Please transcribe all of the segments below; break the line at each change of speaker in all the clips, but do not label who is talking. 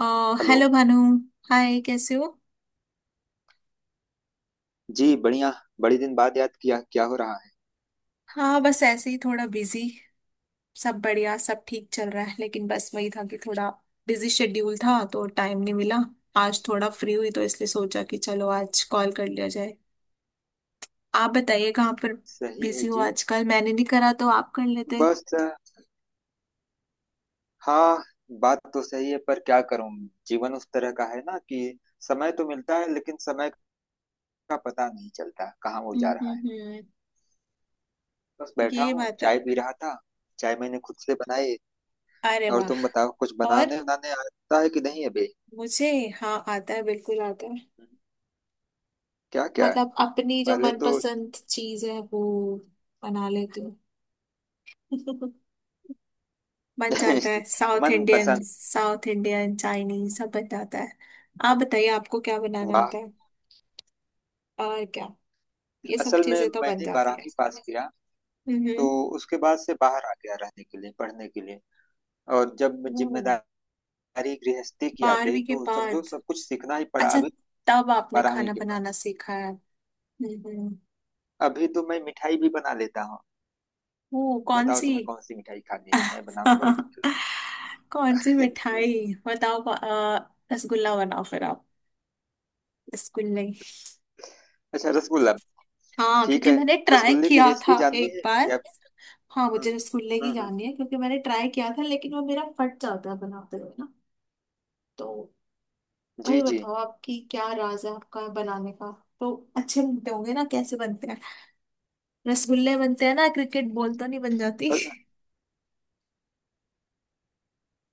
अ,
hello.
Hello Bhanu. Hi, कैसे हो?
जी बढ़िया। बड़ी दिन बाद याद किया, क्या हो रहा है?
हाँ, बस ऐसे ही थोड़ा बिजी। सब बढ़िया, सब ठीक चल रहा है, लेकिन बस वही था कि थोड़ा बिजी शेड्यूल था तो टाइम नहीं मिला। आज थोड़ा फ्री हुई तो इसलिए सोचा कि चलो आज कॉल कर लिया जाए। आप बताइए, कहाँ पर
सही है
बिजी हो
जी।
आजकल? मैंने नहीं करा तो आप कर लेते।
बस हाँ, बात तो सही है पर क्या करूं। जीवन उस तरह का है ना कि समय तो मिलता है, लेकिन समय का पता नहीं चलता कहाँ वो
हम्म,
जा रहा है।
हम्म, हम्म।
बस बैठा
ये
हूँ,
बात है।
चाय पी रहा था। चाय मैंने खुद से बनाई।
अरे
और
वाह।
तुम बताओ, कुछ
और
बनाने बनाने आता है कि नहीं अभी?
मुझे, हाँ आता है, बिल्कुल आता है।
क्या क्या है?
मतलब अपनी जो
पहले तो
मनपसंद चीज है वो बना लेती हूँ बन जाता है, साउथ
मन
इंडियन,
पसंद।
साउथ इंडियन, चाइनीज, सब बन जाता है। आप बताइए, आपको क्या बनाना
वाह।
आता है? और क्या? ये सब
असल में
चीजें तो बन
मैंने
जाती है।
12वीं पास किया, तो
हम्म,
उसके बाद से बाहर आ गया रहने के लिए, पढ़ने के लिए। और जब
हम्म।
जिम्मेदारी गृहस्थी की आ गई
12वीं के
तो समझो
बाद।
सब कुछ सीखना ही पड़ा
अच्छा,
अभी।
तब आपने
12वीं
खाना
के बाद
बनाना सीखा है। हम्म।
अभी तो मैं मिठाई भी बना लेता हूँ।
वो कौन
बताओ
सी?
तुम्हें कौन सी मिठाई खानी है, मैं बनाऊंगा और तुम्हें
कौन सी
खिलाऊंगा।
मिठाई बताओ? रसगुल्ला बनाओ फिर आप। रसगुल्ले।
अच्छा, रसगुल्ला।
हाँ,
ठीक
क्योंकि
है।
मैंने ट्राई
रसगुल्ले की
किया था
रेसिपी जाननी
एक
है
बार।
या?
हाँ,
हम्म
मुझे रसगुल्ले की
हम्म हम्म,
जाननी है, क्योंकि मैंने ट्राई किया था लेकिन वो मेरा फट जाता है बनाते हुए ना। तो
जी
वही
जी।
बताओ, आपकी क्या राज है आपका बनाने का? तो अच्छे बनते होंगे ना, कैसे बनते हैं? रसगुल्ले बनते हैं ना, क्रिकेट बॉल तो नहीं बन जाती।
अ-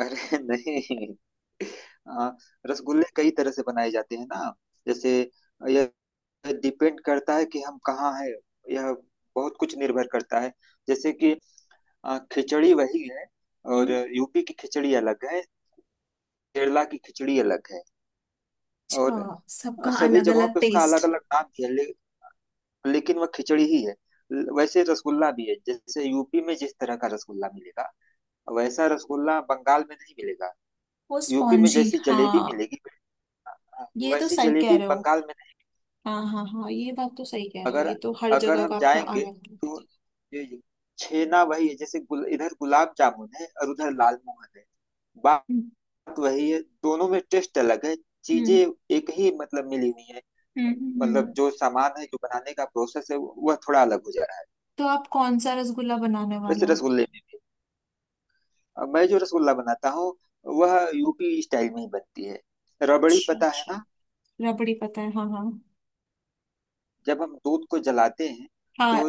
अरे नहीं। हाँ, रसगुल्ले कई तरह से बनाए जाते हैं ना। जैसे यह डिपेंड करता है कि हम कहाँ हैं। यह बहुत कुछ निर्भर करता है। जैसे कि खिचड़ी वही है और
हम्म।
यूपी की खिचड़ी अलग है, केरला की खिचड़ी अलग है।
अच्छा,
और
सबका
सभी
अलग
जगहों
अलग
पे उसका अलग
टेस्ट।
अलग नाम भी है लेकिन वह खिचड़ी ही है। वैसे रसगुल्ला भी है। जैसे यूपी में जिस तरह का रसगुल्ला मिलेगा वैसा रसगुल्ला बंगाल में नहीं मिलेगा।
वो
यूपी में
स्पॉन्जी,
जैसी जलेबी
हाँ।
मिलेगी आ,
ये तो
वैसी
सही कह
जलेबी
रहे हो।
बंगाल में नहीं।
हाँ, हाँ, हाँ, ये बात तो सही कह रहे हो,
अगर
ये तो हर
अगर
जगह
हम
का अपना
जाएंगे
अलग है।
तो ये- छेना वही है। जैसे इधर गुलाब जामुन है और उधर लाल मोहन है। बात
हम्म,
वही है, दोनों में टेस्ट अलग है। चीजें
हम्म,
एक ही मतलब मिली हुई है।
हम्म,
मतलब जो सामान है, जो बनाने का प्रोसेस है वह थोड़ा अलग हो जा रहा है।
तो आप कौन सा रसगुल्ला बनाने वाले
वैसे
हो?
रसगुल्ले में भी अब मैं जो रसगुल्ला बनाता हूँ वह यूपी स्टाइल में ही बनती है। रबड़ी
अच्छा,
पता है
अच्छा।
ना,
रबड़ी पता है, हाँ, हाँ,
जब हम दूध को जलाते हैं
हाँ।
तो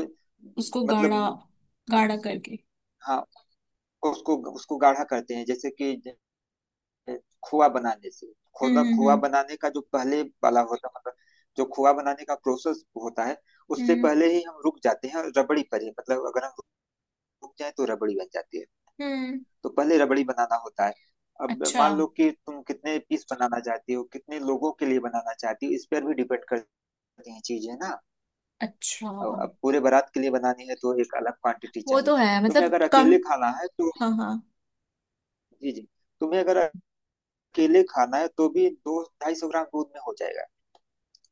उसको गाढ़ा,
मतलब
गाढ़ा करके।
हाँ उसको उसको गाढ़ा करते हैं। जैसे कि खोआ बनाने से खोदा
हम्म,
खोआ
हम्म,
बनाने का जो पहले वाला होता मतलब, जो खोआ बनाने का प्रोसेस होता है उससे
हम्म,
पहले ही हम रुक जाते हैं और रबड़ी पर ही मतलब अगर हम रुक जाए तो रबड़ी बन जाती है।
हम्म।
तो पहले रबड़ी बनाना होता है। अब
अच्छा,
मान लो कि तुम कितने पीस बनाना चाहती हो, कितने लोगों के लिए बनाना चाहती हो इस पर भी डिपेंड करती हैं चीजें ना।
अच्छा।
अब पूरे बारात के लिए बनानी है तो एक अलग क्वांटिटी
वो
चाहिए।
तो है,
तुम्हें
मतलब
अगर
कम।
अकेले खाना है तो
हाँ, हाँ।
जी जी, तुम्हें अगर अकेले खाना है तो भी 200-250 ग्राम दूध में हो जाएगा।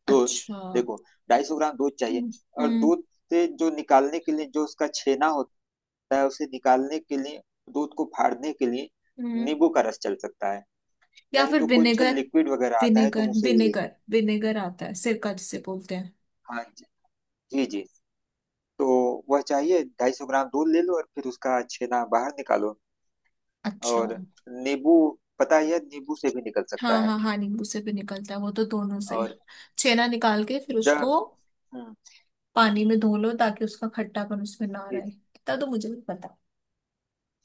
दूध,
अच्छा।
देखो, 250 ग्राम दूध चाहिए।
हम्म,
और
हम्म,
दूध से जो निकालने के लिए जो उसका छेना होता है, उसे निकालने के लिए, दूध को फाड़ने के लिए
हम्म।
नींबू का रस चल सकता है।
या
नहीं
फिर
तो कुछ
विनेगर।
लिक्विड वगैरह आता है, तुम उसे भी ले।
विनेगर आता है, सिरका जिसे बोलते हैं।
हाँ जी, जी जी। तो वह चाहिए, 250 ग्राम दूध ले लो और फिर उसका छेना बाहर निकालो।
अच्छा।
और नींबू, पता ही है नींबू से भी निकल सकता
हाँ,
है।
हाँ, हाँ, नींबू से भी निकलता है वो, तो दोनों से ही।
और
छेना निकाल के फिर उसको
जब हम्म
पानी में धो लो, ताकि उसका खट्टापन उसमें ना
जी,
रहे, इतना तो मुझे भी पता।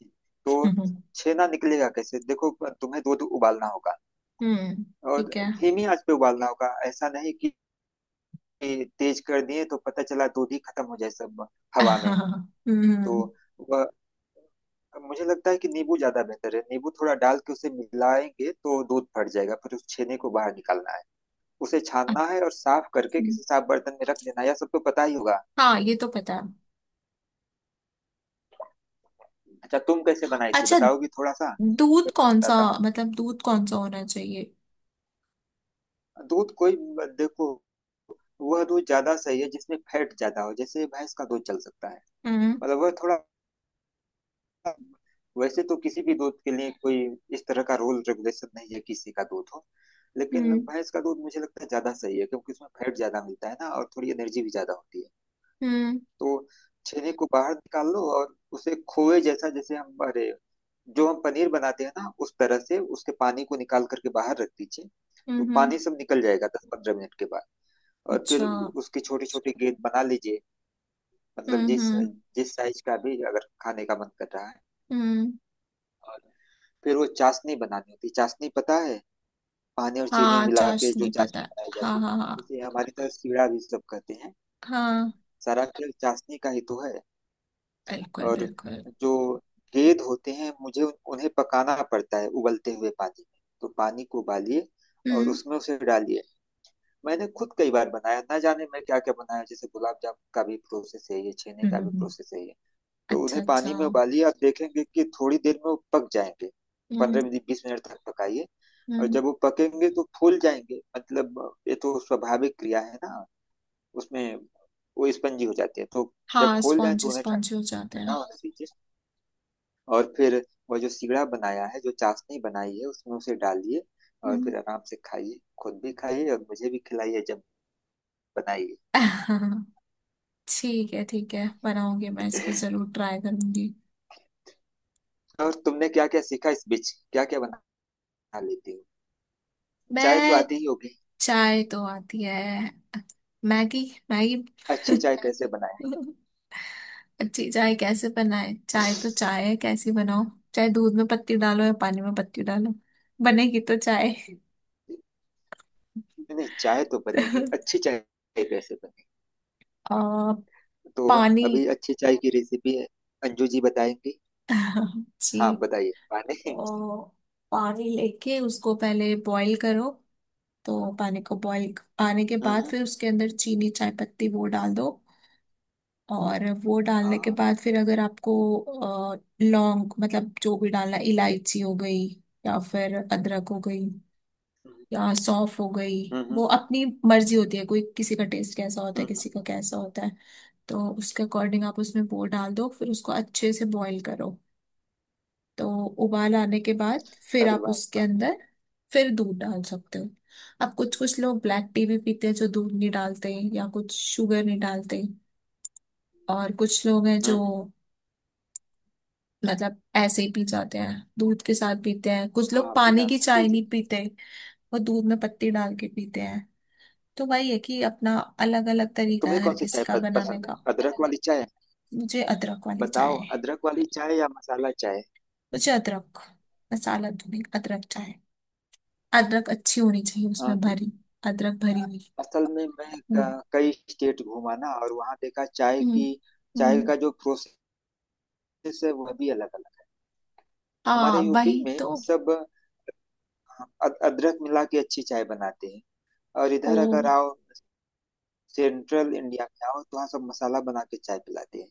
जी। तो छेना निकलेगा कैसे, देखो तुम्हें दूध उबालना होगा।
हम्म।
और
ठीक है
धीमी आंच पे उबालना होगा, ऐसा नहीं कि तेज कर दिए तो पता चला दूध ही खत्म हो जाए सब हवा में।
हाँ,
तो
हम्म।
वह मुझे लगता है कि नींबू ज्यादा बेहतर है। नींबू थोड़ा डाल के उसे मिलाएंगे तो दूध फट जाएगा, फिर उस छेने को बाहर निकालना है, उसे छानना है और साफ करके
अच्छा,
किसी साफ बर्तन में रख देना है। यह सब तो पता ही होगा।
हाँ ये तो पता है।
अच्छा, तुम कैसे बनाई थी
अच्छा,
बताओगी थोड़ा सा,
दूध
फिर मैं
कौन सा?
बताता हूँ।
मतलब दूध कौन सा होना चाहिए?
दूध कोई, देखो, वह दूध ज्यादा सही है जिसमें फैट ज्यादा हो, जैसे भैंस का दूध चल सकता है।
हम्म,
मतलब वह थोड़ा, वैसे तो किसी भी दूध के लिए कोई इस तरह का रूल रेगुलेशन नहीं है, किसी का दूध हो। लेकिन
हम्म,
भैंस का दूध मुझे लगता है ज्यादा सही है क्योंकि उसमें फैट ज्यादा मिलता है ना, और थोड़ी एनर्जी भी ज्यादा होती है।
हम्म,
तो छेने को बाहर निकाल लो और उसे खोए जैसा, जैसे हम अरे, जो हम पनीर बनाते हैं ना उस तरह से उसके पानी को निकाल करके बाहर रख दीजिए। तो
हम्म।
पानी सब निकल जाएगा 10-15 मिनट के बाद। और फिर
अच्छा।
उसकी छोटी छोटी गेंद बना लीजिए, मतलब
हम्म,
जिस
हम्म,
जिस साइज का भी अगर खाने का मन कर रहा है।
हम्म।
और फिर वो चाशनी बनानी होती है। चाशनी पता है, पानी और चीनी
हाँ,
मिला के जो
चाशनी पता
चाशनी
है,
बनाई
हाँ,
जाती
हाँ,
है,
हाँ।
इसे हमारी तरह सीढ़ा भी सब कहते हैं।
हाँ,
सारा खेल चाशनी का ही तो है।
बिल्कुल,
और
बिल्कुल।
जो गेंद होते हैं मुझे उन्हें पकाना पड़ता है उबलते हुए पानी में। तो पानी को उबालिए और
हम्म,
उसमें उसे डालिए। मैंने खुद कई बार बनाया, ना जाने मैं क्या क्या बनाया। जैसे गुलाब जामुन का भी प्रोसेस है ये, छेने
हम्म,
का भी
हम्म।
प्रोसेस है ये। तो
अच्छा,
उन्हें
अच्छा।
पानी में उबालिए, आप देखेंगे कि थोड़ी देर में वो पक जाएंगे।
हम्म,
15-20 मिनट तक पकाइए। और
हम्म।
जब वो पकेंगे तो फूल जाएंगे, मतलब ये तो स्वाभाविक क्रिया है ना। उसमें वो स्पंजी हो जाती है। तो जब
हाँ,
फूल जाए तो
स्पॉन्जी,
उन्हें
स्पॉन्जी हो जाते
ठंडा
हैं।
होने दीजिए। और फिर वो जो सिगड़ा बनाया है, जो चाशनी बनाई है उसमें उसे डालिए। और
हम्म।
फिर आराम से खाइए, खुद भी खाइए और मुझे भी खिलाइए जब बनाइए।
ठीक है, ठीक है, बनाऊंगी, मैं इसको जरूर ट्राई करूंगी।
और तुमने क्या क्या सीखा इस बीच, क्या क्या बना लेती हो? चाय तो
मैं,
आती ही होगी।
चाय तो आती है। मैगी। मैगी।
अच्छी चाय कैसे बनाए?
अच्छी चाय कैसे बनाए? चाय तो चाय है, कैसी बनाओ, चाहे दूध में पत्ती डालो या पानी में पत्ती डालो, बनेगी तो चाय।
नहीं नहीं, चाय तो बनेगी, अच्छी चाय कैसे बनेगी?
आ,
तो
पानी।
अभी अच्छी चाय की रेसिपी है, अंजू जी बताएंगी।
जी।
हाँ बताइए माने।
तो पानी लेके उसको पहले बॉईल करो, तो पानी को बॉईल आने के
हम्म
बाद
हम्म,
फिर उसके अंदर चीनी, चाय पत्ती वो डाल दो। और वो
हाँ
डालने के
हाँ।
बाद फिर अगर आपको लौंग, मतलब जो भी डालना, इलायची हो गई, या फिर अदरक हो गई,
हम्म
या सौंफ हो गई,
हम्म
वो
हम्म,
अपनी मर्जी होती है, कोई किसी का टेस्ट कैसा होता है,
हम्म,
किसी का कैसा होता है। तो उसके अकॉर्डिंग आप उसमें वो डाल दो, फिर उसको अच्छे से बॉईल करो। तो उबाल आने के बाद फिर
अरे
आप
वाह
उसके
वाह,
अंदर फिर दूध डाल सकते हो। अब कुछ कुछ लोग ब्लैक टी भी पीते हैं, जो दूध नहीं डालते या कुछ शुगर नहीं डालते। और कुछ लोग हैं
हम्म
जो
हम्म,
मतलब ऐसे ही पी जाते हैं, दूध के साथ पीते हैं, कुछ लोग
हाँ
पानी
बिना
की
जी
चाय
जी।
नहीं पीते, वो दूध में पत्ती डाल के पीते हैं। तो वही है कि अपना अलग अलग तरीका
तुम्हें
है हर
कौन सी
किसी
चाय
का बनाने
पसंद है,
का।
अदरक वाली चाय?
मुझे अदरक वाली चाय
बताओ,
है।
अदरक वाली चाय या मसाला चाय?
मुझे अदरक, मसाला धुनी अदरक चाय। अदरक अच्छी होनी चाहिए
हाँ,
उसमें
तो
भरी, अदरक भरी हुई।
असल में मैं
हम्म,
कई स्टेट घूमा ना, और वहाँ देखा चाय
हम्म,
की, चाय
हम्म।
का जो प्रोसेस है वह भी अलग अलग है।
हाँ
हमारे यूपी
वही
में
तो।
सब अदरक मिला के अच्छी चाय बनाते हैं। और
ओ।
इधर अगर आओ, सेंट्रल इंडिया में आओ, तो वहाँ सब मसाला बना के चाय पिलाते हैं।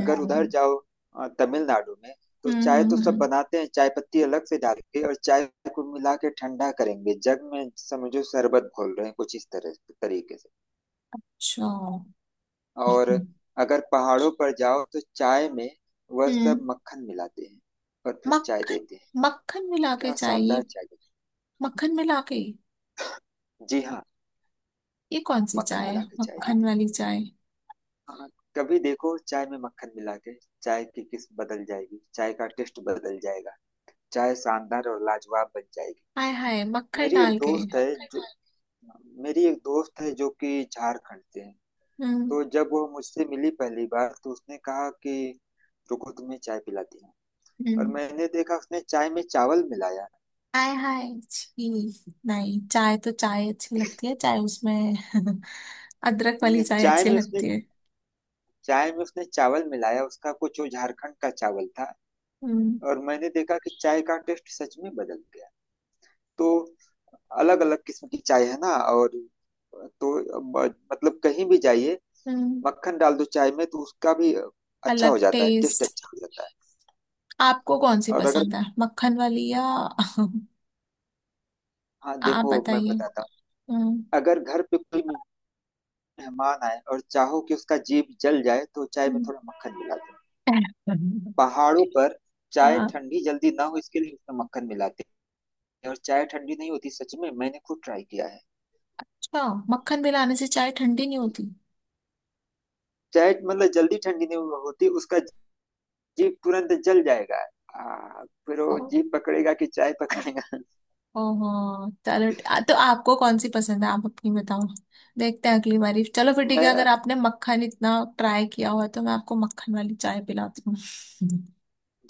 अगर उधर जाओ तमिलनाडु में, तो
हम्म,
चाय तो
हम्म,
सब
हम्म।
बनाते हैं, चाय पत्ती अलग से डाल के, और चाय को मिला के ठंडा करेंगे जग में, समझो शरबत घोल रहे हैं कुछ इस तरह तरीके से।
अच्छा। हम्म,
और अगर पहाड़ों पर जाओ तो चाय में वह सब
हम्म।
मक्खन मिलाते हैं और फिर चाय
मक्खन।
देते हैं,
मक्खन मिला के
क्या शानदार
चाहिए?
चाय देते
मक्खन मिला के।
हैं। जी हाँ,
ये कौन सी
मक्खन
चाय है,
मिला के चाय
मक्खन
देते हैं।
वाली चाय?
हाँ, कभी देखो चाय में मक्खन मिला के, चाय की किस्म बदल जाएगी, चाय का टेस्ट बदल जाएगा, चाय शानदार और लाजवाब बन जाएगी।
हाय हाय, मक्खन
मेरी एक
डाल के।
दोस्त है जो, मेरी एक दोस्त है जो कि झारखंड से है।
हम्म,
तो जब वो मुझसे मिली पहली बार तो उसने कहा कि रुको, तुम्हें चाय पिलाती हूँ। और
हम्म।
मैंने देखा उसने चाय में चावल मिलाया।
हाय हाय छी। नहीं, चाय तो चाय अच्छी लगती है, चाय उसमें अदरक वाली
मैंने
चाय
चाय
अच्छी
में उसने,
लगती है।
चाय में उसने चावल मिलाया, उसका कुछ वो झारखंड का चावल था।
हम्म,
और मैंने देखा कि चाय का टेस्ट सच में बदल गया। तो अलग अलग किस्म की चाय है ना। और तो मतलब कहीं भी जाइए
हम्म।
मक्खन डाल दो चाय में तो उसका भी अच्छा हो
अलग
जाता है, टेस्ट
टेस्ट।
अच्छा हो जाता है।
आपको कौन सी
और अगर,
पसंद है, मक्खन वाली या
हाँ
आप
देखो मैं
बताइए।
बताता हूँ,
हम्म,
अगर घर पे कोई मेहमान आए और चाहो कि उसका जीभ जल जाए तो चाय में
हम्म।
थोड़ा मक्खन मिला दो। पहाड़ों पर चाय
अच्छा।
ठंडी जल्दी ना हो इसके लिए उसमें मक्खन मिलाते हैं, और चाय ठंडी नहीं होती। सच में मैंने खुद ट्राई किया है।
मक्खन मिलाने से चाय ठंडी नहीं होती?
चाय मतलब जल्दी ठंडी नहीं होती, उसका जीप तुरंत जल जाएगा। फिर वो जीप पकड़ेगा कि चाय पकड़ेगा।
ओहो चलो, तो आपको कौन सी पसंद है, आप अपनी बताओ। देखते हैं अगली बारी। चलो फिर, ठीक है,
मैं
अगर आपने मक्खन इतना ट्राई किया हुआ है, तो मैं आपको मक्खन वाली चाय पिलाती हूँ।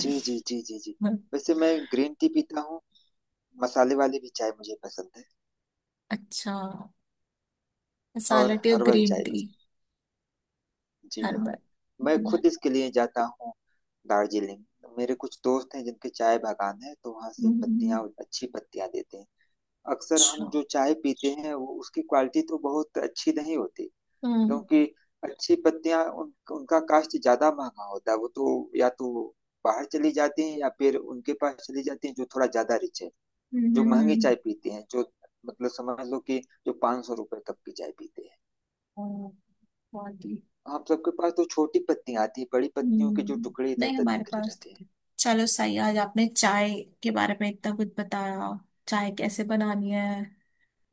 जी जी जी जी जी। वैसे मैं ग्रीन टी पीता हूँ, मसाले वाली भी चाय मुझे पसंद है,
अच्छा, मसाला
और
टी और
हर्बल
ग्रीन
चाय भी।
टी।
जी हाँ,
हर्बल।
मैं
हम्म,
खुद इसके लिए जाता हूँ दार्जिलिंग। मेरे कुछ दोस्त हैं जिनके चाय बागान है, तो वहाँ से
हम्म।
पत्तियाँ, अच्छी पत्तियाँ देते हैं। अक्सर हम
अच्छा।
जो चाय पीते हैं वो उसकी क्वालिटी तो बहुत अच्छी नहीं होती।
हम्म,
क्योंकि अच्छी पत्तियां उनका कास्ट ज्यादा महंगा होता है, वो तो या तो बाहर चली जाती हैं, या फिर उनके पास चली जाती हैं जो थोड़ा ज्यादा रिच है,
हम्म,
जो
हम्म,
महंगी चाय पीते हैं, जो मतलब समझ लो कि जो 500 रुपए तक की चाय पीते हैं।
और body,
हम सबके पास तो छोटी पत्तियां आती हैं, बड़ी पत्तियों के जो
हम्म।
टुकड़े इधर
नहीं,
उधर
हमारे
बिखरे
पास
रहते हैं।
तो... चलो सही है, आज आपने चाय के बारे में इतना कुछ बताया, चाय कैसे बनानी है,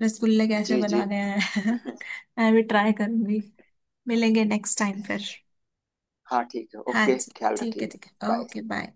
रसगुल्ले कैसे
जी जी।
बनाने हैं मैं भी ट्राई करूंगी। मिलेंगे नेक्स्ट टाइम फिर।
हाँ ठीक है,
हाँ
ओके,
जी,
ख्याल
ठीक है,
रखिएगा।
ठीक है,
बाय।
Okay bye.